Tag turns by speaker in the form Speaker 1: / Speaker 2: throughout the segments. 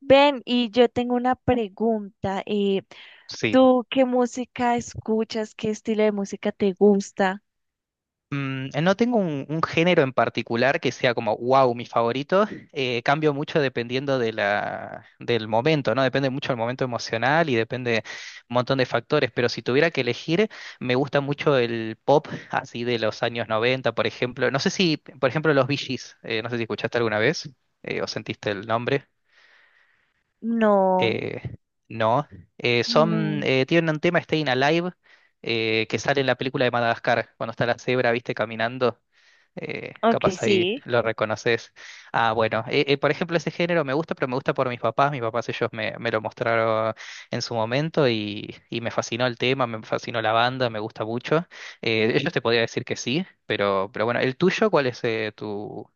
Speaker 1: Ven, y yo tengo una pregunta.
Speaker 2: Sí.
Speaker 1: ¿Tú qué música escuchas? ¿Qué estilo de música te gusta?
Speaker 2: No tengo un género en particular que sea como, wow, mi favorito. Cambio mucho dependiendo de del momento, ¿no? Depende mucho del momento emocional y depende un montón de factores. Pero si tuviera que elegir, me gusta mucho el pop, así de los años 90, por ejemplo. No sé si, por ejemplo, los Bee Gees, no sé si escuchaste alguna vez o sentiste el nombre.
Speaker 1: No,
Speaker 2: Eh, no.
Speaker 1: no.
Speaker 2: Tienen un tema, Staying Alive, que sale en la película de Madagascar, cuando está la cebra, viste, caminando.
Speaker 1: Ok,
Speaker 2: Capaz ahí
Speaker 1: sí.
Speaker 2: lo reconoces. Ah, bueno, por ejemplo, ese género me gusta, pero me gusta por mis papás. Mis papás ellos me lo mostraron en su momento y me fascinó el tema, me fascinó la banda, me gusta mucho. Ellos te podría decir que sí, pero bueno, ¿el tuyo cuál es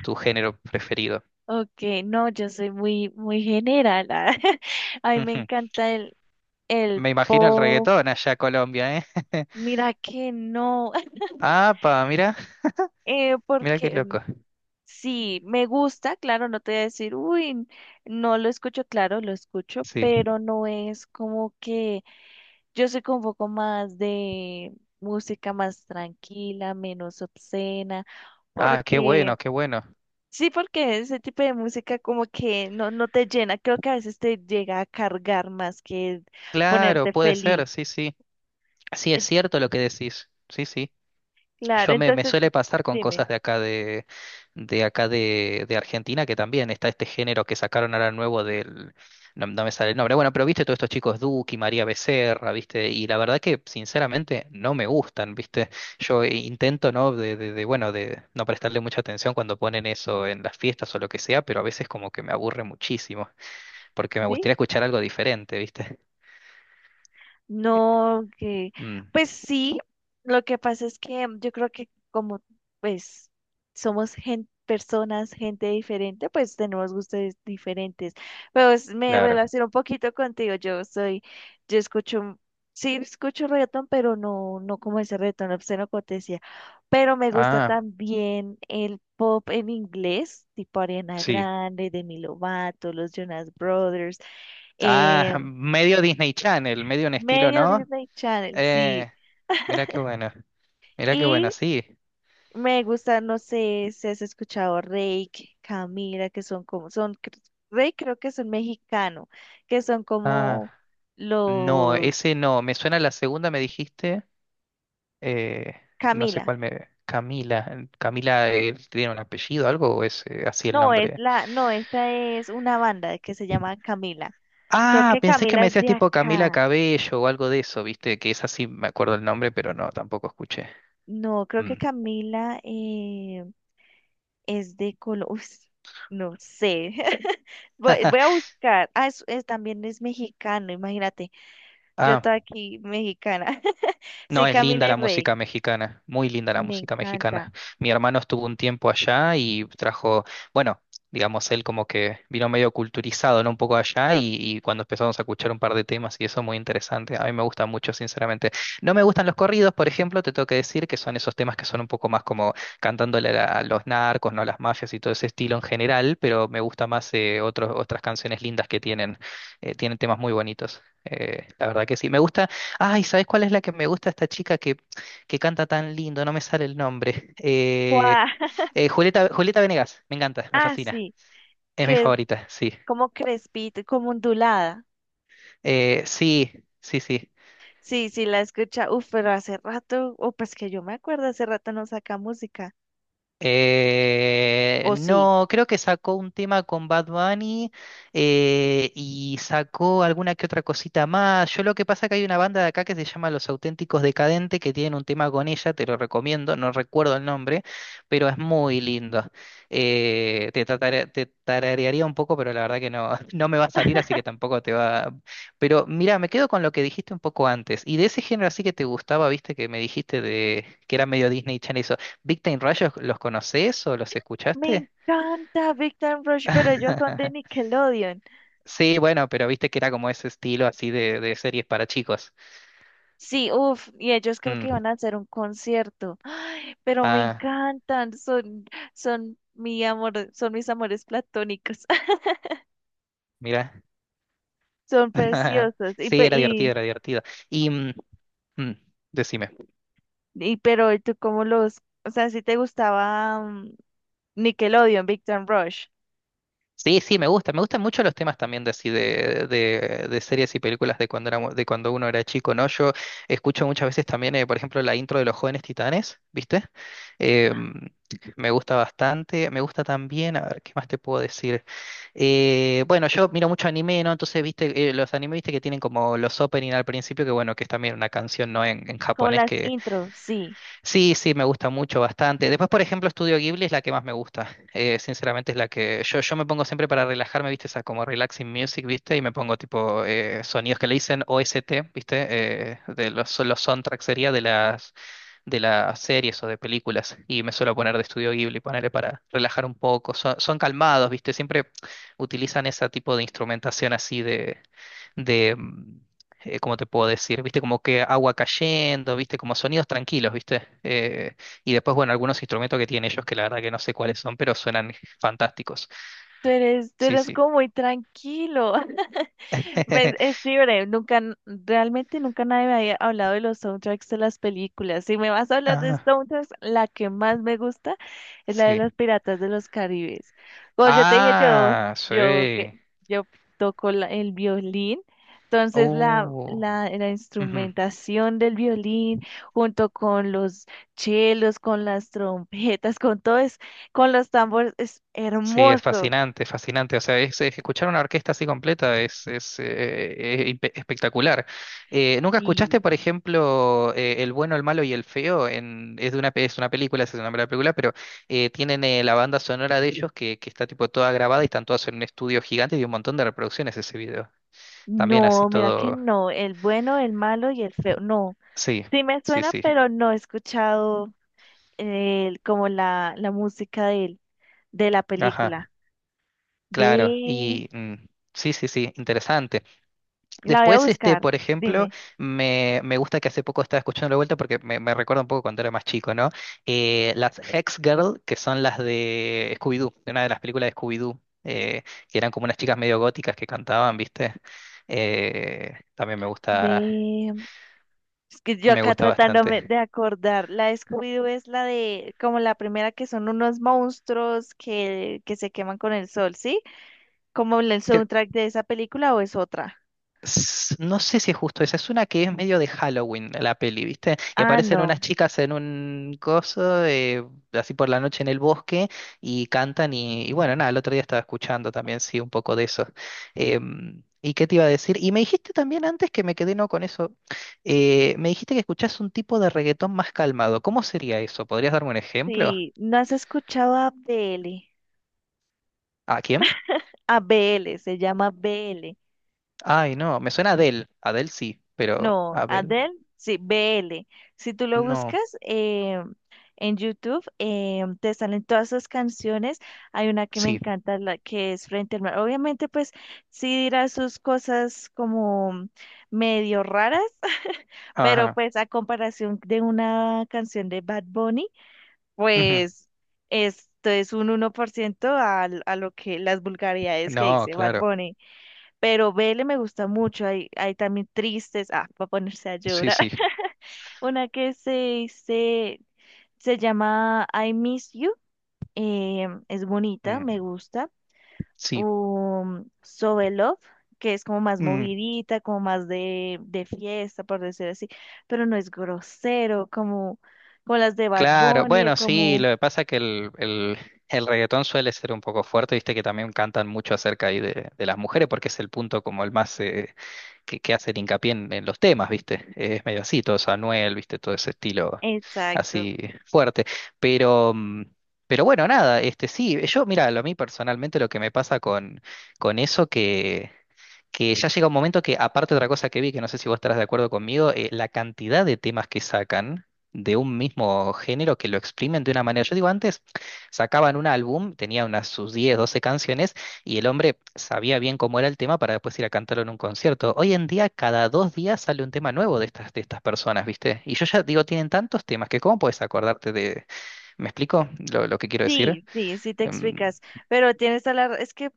Speaker 2: tu género preferido?
Speaker 1: Ok, no, yo soy muy, muy general. Ah. A mí me
Speaker 2: Ujú.
Speaker 1: encanta el
Speaker 2: Me imagino el
Speaker 1: pop.
Speaker 2: reggaetón allá en Colombia, ¿eh?
Speaker 1: Mira que no,
Speaker 2: Pa, mira, mira qué
Speaker 1: porque
Speaker 2: loco.
Speaker 1: sí, me gusta, claro, no te voy a decir, no lo escucho, claro, lo escucho,
Speaker 2: Sí.
Speaker 1: pero no es como que yo soy como un poco más de música más tranquila, menos obscena,
Speaker 2: Ah, qué
Speaker 1: porque
Speaker 2: bueno, qué bueno.
Speaker 1: sí, porque ese tipo de música como que no, no te llena, creo que a veces te llega a cargar más que
Speaker 2: Claro,
Speaker 1: ponerte
Speaker 2: puede
Speaker 1: feliz.
Speaker 2: ser, sí, sí. Sí, es
Speaker 1: Eh,
Speaker 2: cierto lo que decís. Sí, sí.
Speaker 1: Claro,
Speaker 2: Me
Speaker 1: entonces
Speaker 2: suele pasar con
Speaker 1: dime.
Speaker 2: cosas de acá de acá de Argentina, que también está este género que sacaron ahora nuevo del, no, no me sale el nombre. Bueno, pero viste todos estos chicos Duki, María Becerra, viste, y la verdad que sinceramente no me gustan, viste. Yo intento, ¿no? Bueno, de no prestarle mucha atención cuando ponen eso en las fiestas o lo que sea, pero a veces como que me aburre muchísimo, porque me
Speaker 1: ¿Sí?
Speaker 2: gustaría escuchar algo diferente, viste.
Speaker 1: No, que
Speaker 2: Mm,
Speaker 1: pues sí, lo que pasa es que yo creo que como pues personas, gente diferente, pues tenemos gustos diferentes. Pero me
Speaker 2: claro.
Speaker 1: relaciono un poquito contigo. Yo escucho, sí escucho reggaetón, pero no, no como ese reggaetón obsceno como te decía. Pero me gusta
Speaker 2: Ah,
Speaker 1: también el pop en inglés, tipo Ariana
Speaker 2: sí.
Speaker 1: Grande, Demi Lovato, los Jonas Brothers.
Speaker 2: Ah,
Speaker 1: em,
Speaker 2: medio Disney Channel, medio un estilo,
Speaker 1: Medio
Speaker 2: ¿no?
Speaker 1: Disney Channel, sí.
Speaker 2: Eh, Mira qué bueno, mira qué bueno,
Speaker 1: Y
Speaker 2: sí.
Speaker 1: me gusta, no sé si has escuchado Reik, Camila, que son como, Reik creo que son mexicano, que son
Speaker 2: Ah,
Speaker 1: como
Speaker 2: no,
Speaker 1: los,
Speaker 2: ese no, me suena la segunda, me dijiste, eh, no sé
Speaker 1: Camila.
Speaker 2: cuál me... Camila, Camila tiene un apellido, algo, o es así el
Speaker 1: No,
Speaker 2: nombre.
Speaker 1: no, esa es una banda que se llama Camila. Creo
Speaker 2: Ah,
Speaker 1: que
Speaker 2: pensé que
Speaker 1: Camila
Speaker 2: me
Speaker 1: es
Speaker 2: decías
Speaker 1: de
Speaker 2: tipo Camila
Speaker 1: acá.
Speaker 2: Cabello o algo de eso, viste, que es así, me acuerdo el nombre, pero no, tampoco escuché.
Speaker 1: No, creo
Speaker 2: Mm.
Speaker 1: que Camila es de Colombia. No sé. Voy a buscar. Ah, también es mexicano, imagínate. Yo
Speaker 2: Ah.
Speaker 1: estoy aquí, mexicana.
Speaker 2: No,
Speaker 1: Soy
Speaker 2: es linda
Speaker 1: Camila y
Speaker 2: la
Speaker 1: Rey.
Speaker 2: música mexicana, muy linda la
Speaker 1: Me
Speaker 2: música
Speaker 1: encanta.
Speaker 2: mexicana. Mi hermano estuvo un tiempo allá y trajo, bueno, digamos, él como que vino medio culturizado, ¿no? Un poco allá y cuando empezamos a escuchar un par de temas y eso muy interesante. A mí me gusta mucho, sinceramente. No me gustan los corridos, por ejemplo, te tengo que decir que son esos temas que son un poco más como cantándole a la- a los narcos, ¿no? A las mafias y todo ese estilo en general, pero me gusta más otras canciones lindas que tienen, tienen temas muy bonitos. La verdad que sí. Me gusta. Ay, ¿sabes cuál es la que me gusta esta chica que canta tan lindo? No me sale el nombre.
Speaker 1: ¡Guau!
Speaker 2: Julieta, Julieta Venegas, me encanta, me
Speaker 1: Ah,
Speaker 2: fascina.
Speaker 1: sí,
Speaker 2: Es mi
Speaker 1: que es
Speaker 2: favorita, sí.
Speaker 1: como crespita, como ondulada.
Speaker 2: Eh, sí, sí.
Speaker 1: Sí, sí, la escucha. Uf, pero hace rato, o pues que yo me acuerdo, hace rato no saca música. O sí.
Speaker 2: No, creo que sacó un tema con Bad Bunny y sacó alguna que otra cosita más. Yo lo que pasa que hay una banda de acá que se llama Los Auténticos Decadentes que tienen un tema con ella, te lo recomiendo, no recuerdo el nombre, pero es muy lindo. Te tararearía un poco, pero la verdad que no, no me va a salir, así que tampoco te va. Pero mira, me quedo con lo que dijiste un poco antes. Y de ese género así que te gustaba, viste, que me dijiste de que era medio Disney Channel. ¿Big Time Rush los conoces o los
Speaker 1: Me
Speaker 2: escuchaste?
Speaker 1: encanta Big Time Rush, pero ellos son de Nickelodeon.
Speaker 2: Sí, bueno, pero viste que era como ese estilo así de series para chicos.
Speaker 1: Sí, uff, y ellos creo que
Speaker 2: Mm,
Speaker 1: iban a hacer un concierto. Ay, pero me
Speaker 2: Ah,
Speaker 1: encantan, son mi amor, son mis amores platónicos.
Speaker 2: mira.
Speaker 1: Son preciosos.
Speaker 2: Sí, era divertido, era divertido. Y mm, mm, Decime.
Speaker 1: Y pero ¿y tú cómo los, o sea, si te gustaba Nickelodeon, Victor Rush,
Speaker 2: Sí, sí, me gusta. Me gustan mucho los temas también de así de series y películas de cuando era, de cuando uno era chico, ¿no? Yo escucho muchas veces también, por ejemplo, la intro de Los Jóvenes Titanes, ¿viste? Eh, Me gusta bastante. Me gusta también, a ver, ¿qué más te puedo decir? Bueno, yo miro mucho anime, ¿no? Entonces, ¿viste? Los anime, ¿viste? Que tienen como los opening al principio, que bueno, que es también una canción, ¿no? En
Speaker 1: como
Speaker 2: japonés.
Speaker 1: las intros, sí.
Speaker 2: Sí, sí, me gusta mucho, bastante. Después, por ejemplo, Estudio Ghibli es la que más me gusta. Sinceramente es la que yo me pongo siempre para relajarme, ¿viste? Esa como relaxing music, ¿viste? Y me pongo tipo sonidos que le dicen OST, ¿viste? De los soundtracks sería de las series o de películas. Y me suelo poner de Estudio Ghibli, ponerle para relajar un poco. Son, son calmados, ¿viste? Siempre utilizan ese tipo de instrumentación así de de, mm, ¿cómo te puedo decir? ¿Viste? Como que agua cayendo, ¿viste? Como sonidos tranquilos, ¿viste? Y después, bueno, algunos instrumentos que tienen ellos que la verdad que no sé cuáles son, pero suenan fantásticos.
Speaker 1: Tú
Speaker 2: Sí,
Speaker 1: eres
Speaker 2: sí.
Speaker 1: como muy tranquilo. Pues es libre, nunca, n- realmente nunca nadie me había hablado de los soundtracks de las películas. Si me vas a hablar de
Speaker 2: Ah,
Speaker 1: soundtracks, la que más me gusta es la de los
Speaker 2: sí.
Speaker 1: Piratas de los Caribes. Como yo te dije,
Speaker 2: Ah,
Speaker 1: yo, que,
Speaker 2: sí.
Speaker 1: yo toco el violín, entonces
Speaker 2: Uh,
Speaker 1: la
Speaker 2: Ujú.
Speaker 1: instrumentación del violín, junto con los chelos, con las trompetas, con todo es, con los tambores, es
Speaker 2: Sí, es
Speaker 1: hermoso.
Speaker 2: fascinante, fascinante. O sea, es escuchar una orquesta así completa es, espectacular. ¿Nunca escuchaste,
Speaker 1: Sí,
Speaker 2: por ejemplo, El bueno, el malo y el feo? En, es de una, pe- Es una película, ese es el nombre de la película, pero tienen la banda sonora de ellos que está tipo toda grabada y están todas en un estudio gigante y un montón de reproducciones ese video. También así
Speaker 1: no, mira que
Speaker 2: todo.
Speaker 1: no, el bueno, el malo y el feo, no,
Speaker 2: Sí,
Speaker 1: sí me
Speaker 2: sí,
Speaker 1: suena,
Speaker 2: sí.
Speaker 1: pero no he escuchado el, como la música de él, de la película.
Speaker 2: Ajá, claro.
Speaker 1: Ve,
Speaker 2: Sí, sí, sí, interesante.
Speaker 1: la voy a
Speaker 2: Después, este,
Speaker 1: buscar,
Speaker 2: por ejemplo,
Speaker 1: dime,
Speaker 2: me gusta que hace poco estaba escuchando la vuelta porque me recuerda un poco cuando era más chico, ¿no? Las Hex Girl, que son las de Scooby-Doo, de una de las películas de Scooby-Doo, que eran como unas chicas medio góticas que cantaban, ¿viste? Eh, también me gusta,
Speaker 1: ve, es que yo
Speaker 2: me
Speaker 1: acá
Speaker 2: gusta
Speaker 1: tratándome de
Speaker 2: bastante.
Speaker 1: acordar, la de Scooby-Doo es la de, como la primera que son unos monstruos que se queman con el sol, ¿sí? ¿Como el soundtrack de esa película o es otra?
Speaker 2: No sé si es justo esa, es una que es medio de Halloween la peli, ¿viste? Y
Speaker 1: Ah,
Speaker 2: aparecen
Speaker 1: no,
Speaker 2: unas chicas en un coso, así por la noche en el bosque, y cantan y bueno, nada, el otro día estaba escuchando también, sí, un poco de eso. Em, ¿y qué te iba a decir? Y me dijiste también antes que me quedé no con eso, me dijiste que escuchás un tipo de reggaetón más calmado. ¿Cómo sería eso? ¿Podrías darme un ejemplo?
Speaker 1: sí, ¿no has escuchado a Abdele?
Speaker 2: ¿A quién?
Speaker 1: A B L, se llama B L.
Speaker 2: Ay, no, me suena a Adele, Adele sí, pero
Speaker 1: No,
Speaker 2: Abel
Speaker 1: Adele, sí, B L. Si tú lo
Speaker 2: no,
Speaker 1: buscas en YouTube, te salen todas sus canciones. Hay una que me
Speaker 2: sí.
Speaker 1: encanta, la que es Frente al Mar. Obviamente, pues sí dirá sus cosas como medio raras, pero
Speaker 2: Ajá.
Speaker 1: pues a comparación de una canción de Bad Bunny,
Speaker 2: Ujú.
Speaker 1: pues esto es un uno por ciento a lo que las vulgaridades que
Speaker 2: No,
Speaker 1: dice Bad
Speaker 2: claro.
Speaker 1: Bunny. Pero Vele me gusta mucho, hay también tristes, ah, para ponerse a
Speaker 2: Sí,
Speaker 1: llorar.
Speaker 2: sí.
Speaker 1: Una que se llama I Miss You, es bonita, me
Speaker 2: Mm,
Speaker 1: gusta.
Speaker 2: sí.
Speaker 1: So in Love, que es como más
Speaker 2: Mm,
Speaker 1: movidita, como más de fiesta, por decir así, pero no es grosero, como, como las de Bad
Speaker 2: claro.
Speaker 1: Bunny,
Speaker 2: Bueno, sí,
Speaker 1: como,
Speaker 2: lo que pasa es que el reggaetón suele ser un poco fuerte, viste que también cantan mucho acerca ahí de las mujeres, porque es el punto como el más que hace el hincapié en los temas, viste. Es medio así, todo eso, Anuel, viste, todo ese estilo
Speaker 1: exacto.
Speaker 2: así fuerte. Pero, mm, pero bueno, nada, este sí, yo, mira, a mí personalmente lo que me pasa con eso que. Que ya llega un momento que, aparte de otra cosa que vi, que no sé si vos estarás de acuerdo conmigo, la cantidad de temas que sacan de un mismo género que lo exprimen de una manera. Yo digo, antes sacaban un álbum, tenía unas sus 10 12 canciones, y el hombre sabía bien cómo era el tema para después ir a cantarlo en un concierto. Hoy en día, cada dos días sale un tema nuevo de estas personas, ¿viste? Y yo ya digo, tienen tantos temas que cómo puedes acordarte de... ¿Me explico lo que quiero decir?
Speaker 1: Sí, sí, sí te
Speaker 2: Em,
Speaker 1: explicas, pero tienes a la, es que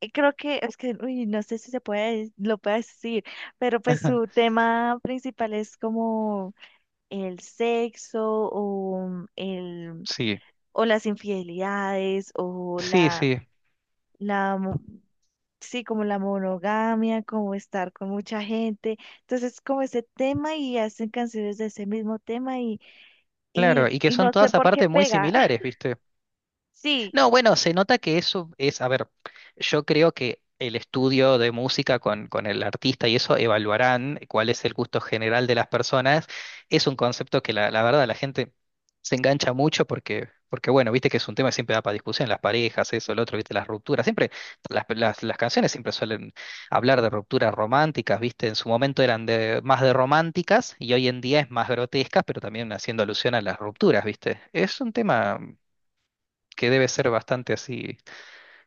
Speaker 1: creo que es que, uy, no sé si se puede, lo puedo decir, pero pues su tema principal es como el sexo o el
Speaker 2: sí,
Speaker 1: o las infidelidades o
Speaker 2: sí, sí.
Speaker 1: la mo- sí, como la monogamia, como estar con mucha gente. Entonces, como ese tema y hacen canciones de ese mismo tema
Speaker 2: Claro, y que
Speaker 1: y
Speaker 2: son
Speaker 1: no sé
Speaker 2: todas
Speaker 1: por qué
Speaker 2: aparte muy
Speaker 1: pega.
Speaker 2: similares, ¿viste?
Speaker 1: Sí,
Speaker 2: No, bueno, se nota que eso es, a ver, yo creo que el estudio de música con el artista y eso evaluarán cuál es el gusto general de las personas. Es un concepto que la verdad la gente se engancha mucho porque, bueno, viste que es un tema que siempre da para discusión, las parejas, eso, el otro, viste, las rupturas. Siempre las canciones siempre suelen hablar de rupturas románticas, viste, en su momento eran de, más de románticas y hoy en día es más grotescas, pero también haciendo alusión a las rupturas, viste. Es un tema que debe ser bastante así,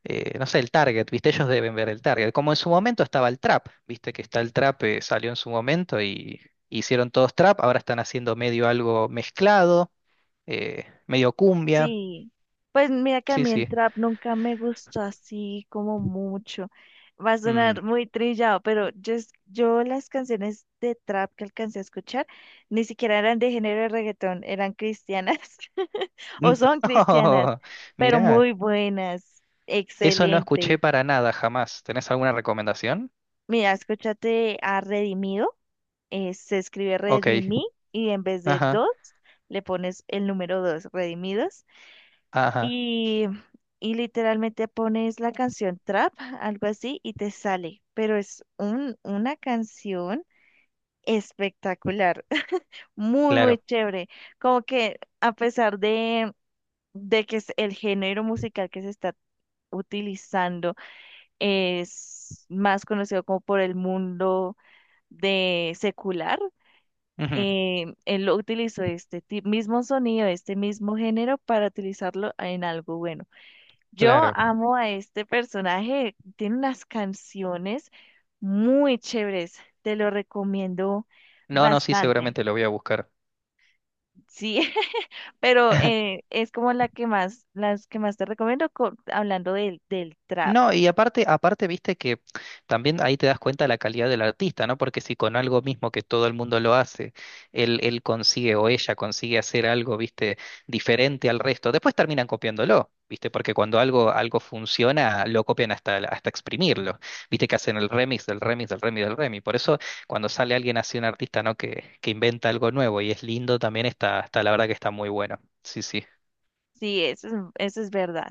Speaker 2: no sé, el target, ¿viste? Ellos deben ver el target. Como en su momento estaba el trap, ¿viste? Que está el trap, salió en su momento y hicieron todos trap, ahora están haciendo medio algo mezclado, medio cumbia,
Speaker 1: sí, pues mira que a
Speaker 2: sí,
Speaker 1: mí
Speaker 2: sí.
Speaker 1: el trap nunca me gustó así como mucho. Va a
Speaker 2: Mm.
Speaker 1: sonar muy trillado, pero yo las canciones de trap que alcancé a escuchar ni siquiera eran de género de reggaetón, eran cristianas o son cristianas,
Speaker 2: No,
Speaker 1: pero
Speaker 2: mirá,
Speaker 1: muy buenas,
Speaker 2: eso no escuché
Speaker 1: excelentes.
Speaker 2: para nada jamás. ¿Tenés alguna recomendación?
Speaker 1: Mira, escúchate a Redimido, se escribe
Speaker 2: Ok,
Speaker 1: Redimí y en vez de
Speaker 2: ajá,
Speaker 1: dos le pones el número dos, Redimidos.
Speaker 2: ajá,
Speaker 1: Y, y literalmente pones la canción trap, algo así, y te sale. Pero es una canción espectacular, muy, muy
Speaker 2: claro,
Speaker 1: chévere. Como que a pesar de que es el género musical que se está utilizando es más conocido como por el mundo de secular.
Speaker 2: ujú,
Speaker 1: Eh, él lo utilizó mismo sonido, este mismo género para utilizarlo en algo bueno. Yo
Speaker 2: claro.
Speaker 1: amo a este personaje, tiene unas canciones muy chéveres, te lo recomiendo
Speaker 2: No, no, sí,
Speaker 1: bastante,
Speaker 2: seguramente lo voy a buscar.
Speaker 1: sí, pero es como la que más, las que más te recomiendo hablando del trap,
Speaker 2: No, y aparte, aparte, viste que también ahí te das cuenta de la calidad del artista, ¿no? Porque si con algo mismo que todo el mundo lo hace, él consigue o ella consigue hacer algo, viste, diferente al resto, después terminan copiándolo, viste, porque cuando algo, algo funciona, lo copian hasta, hasta exprimirlo, viste que hacen el remix del remix del remix del remix. Por eso, cuando sale alguien así, un artista, ¿no? Que inventa algo nuevo y es lindo, también está, está, la verdad que está muy bueno. Sí, sí.
Speaker 1: sí, eso es verdad.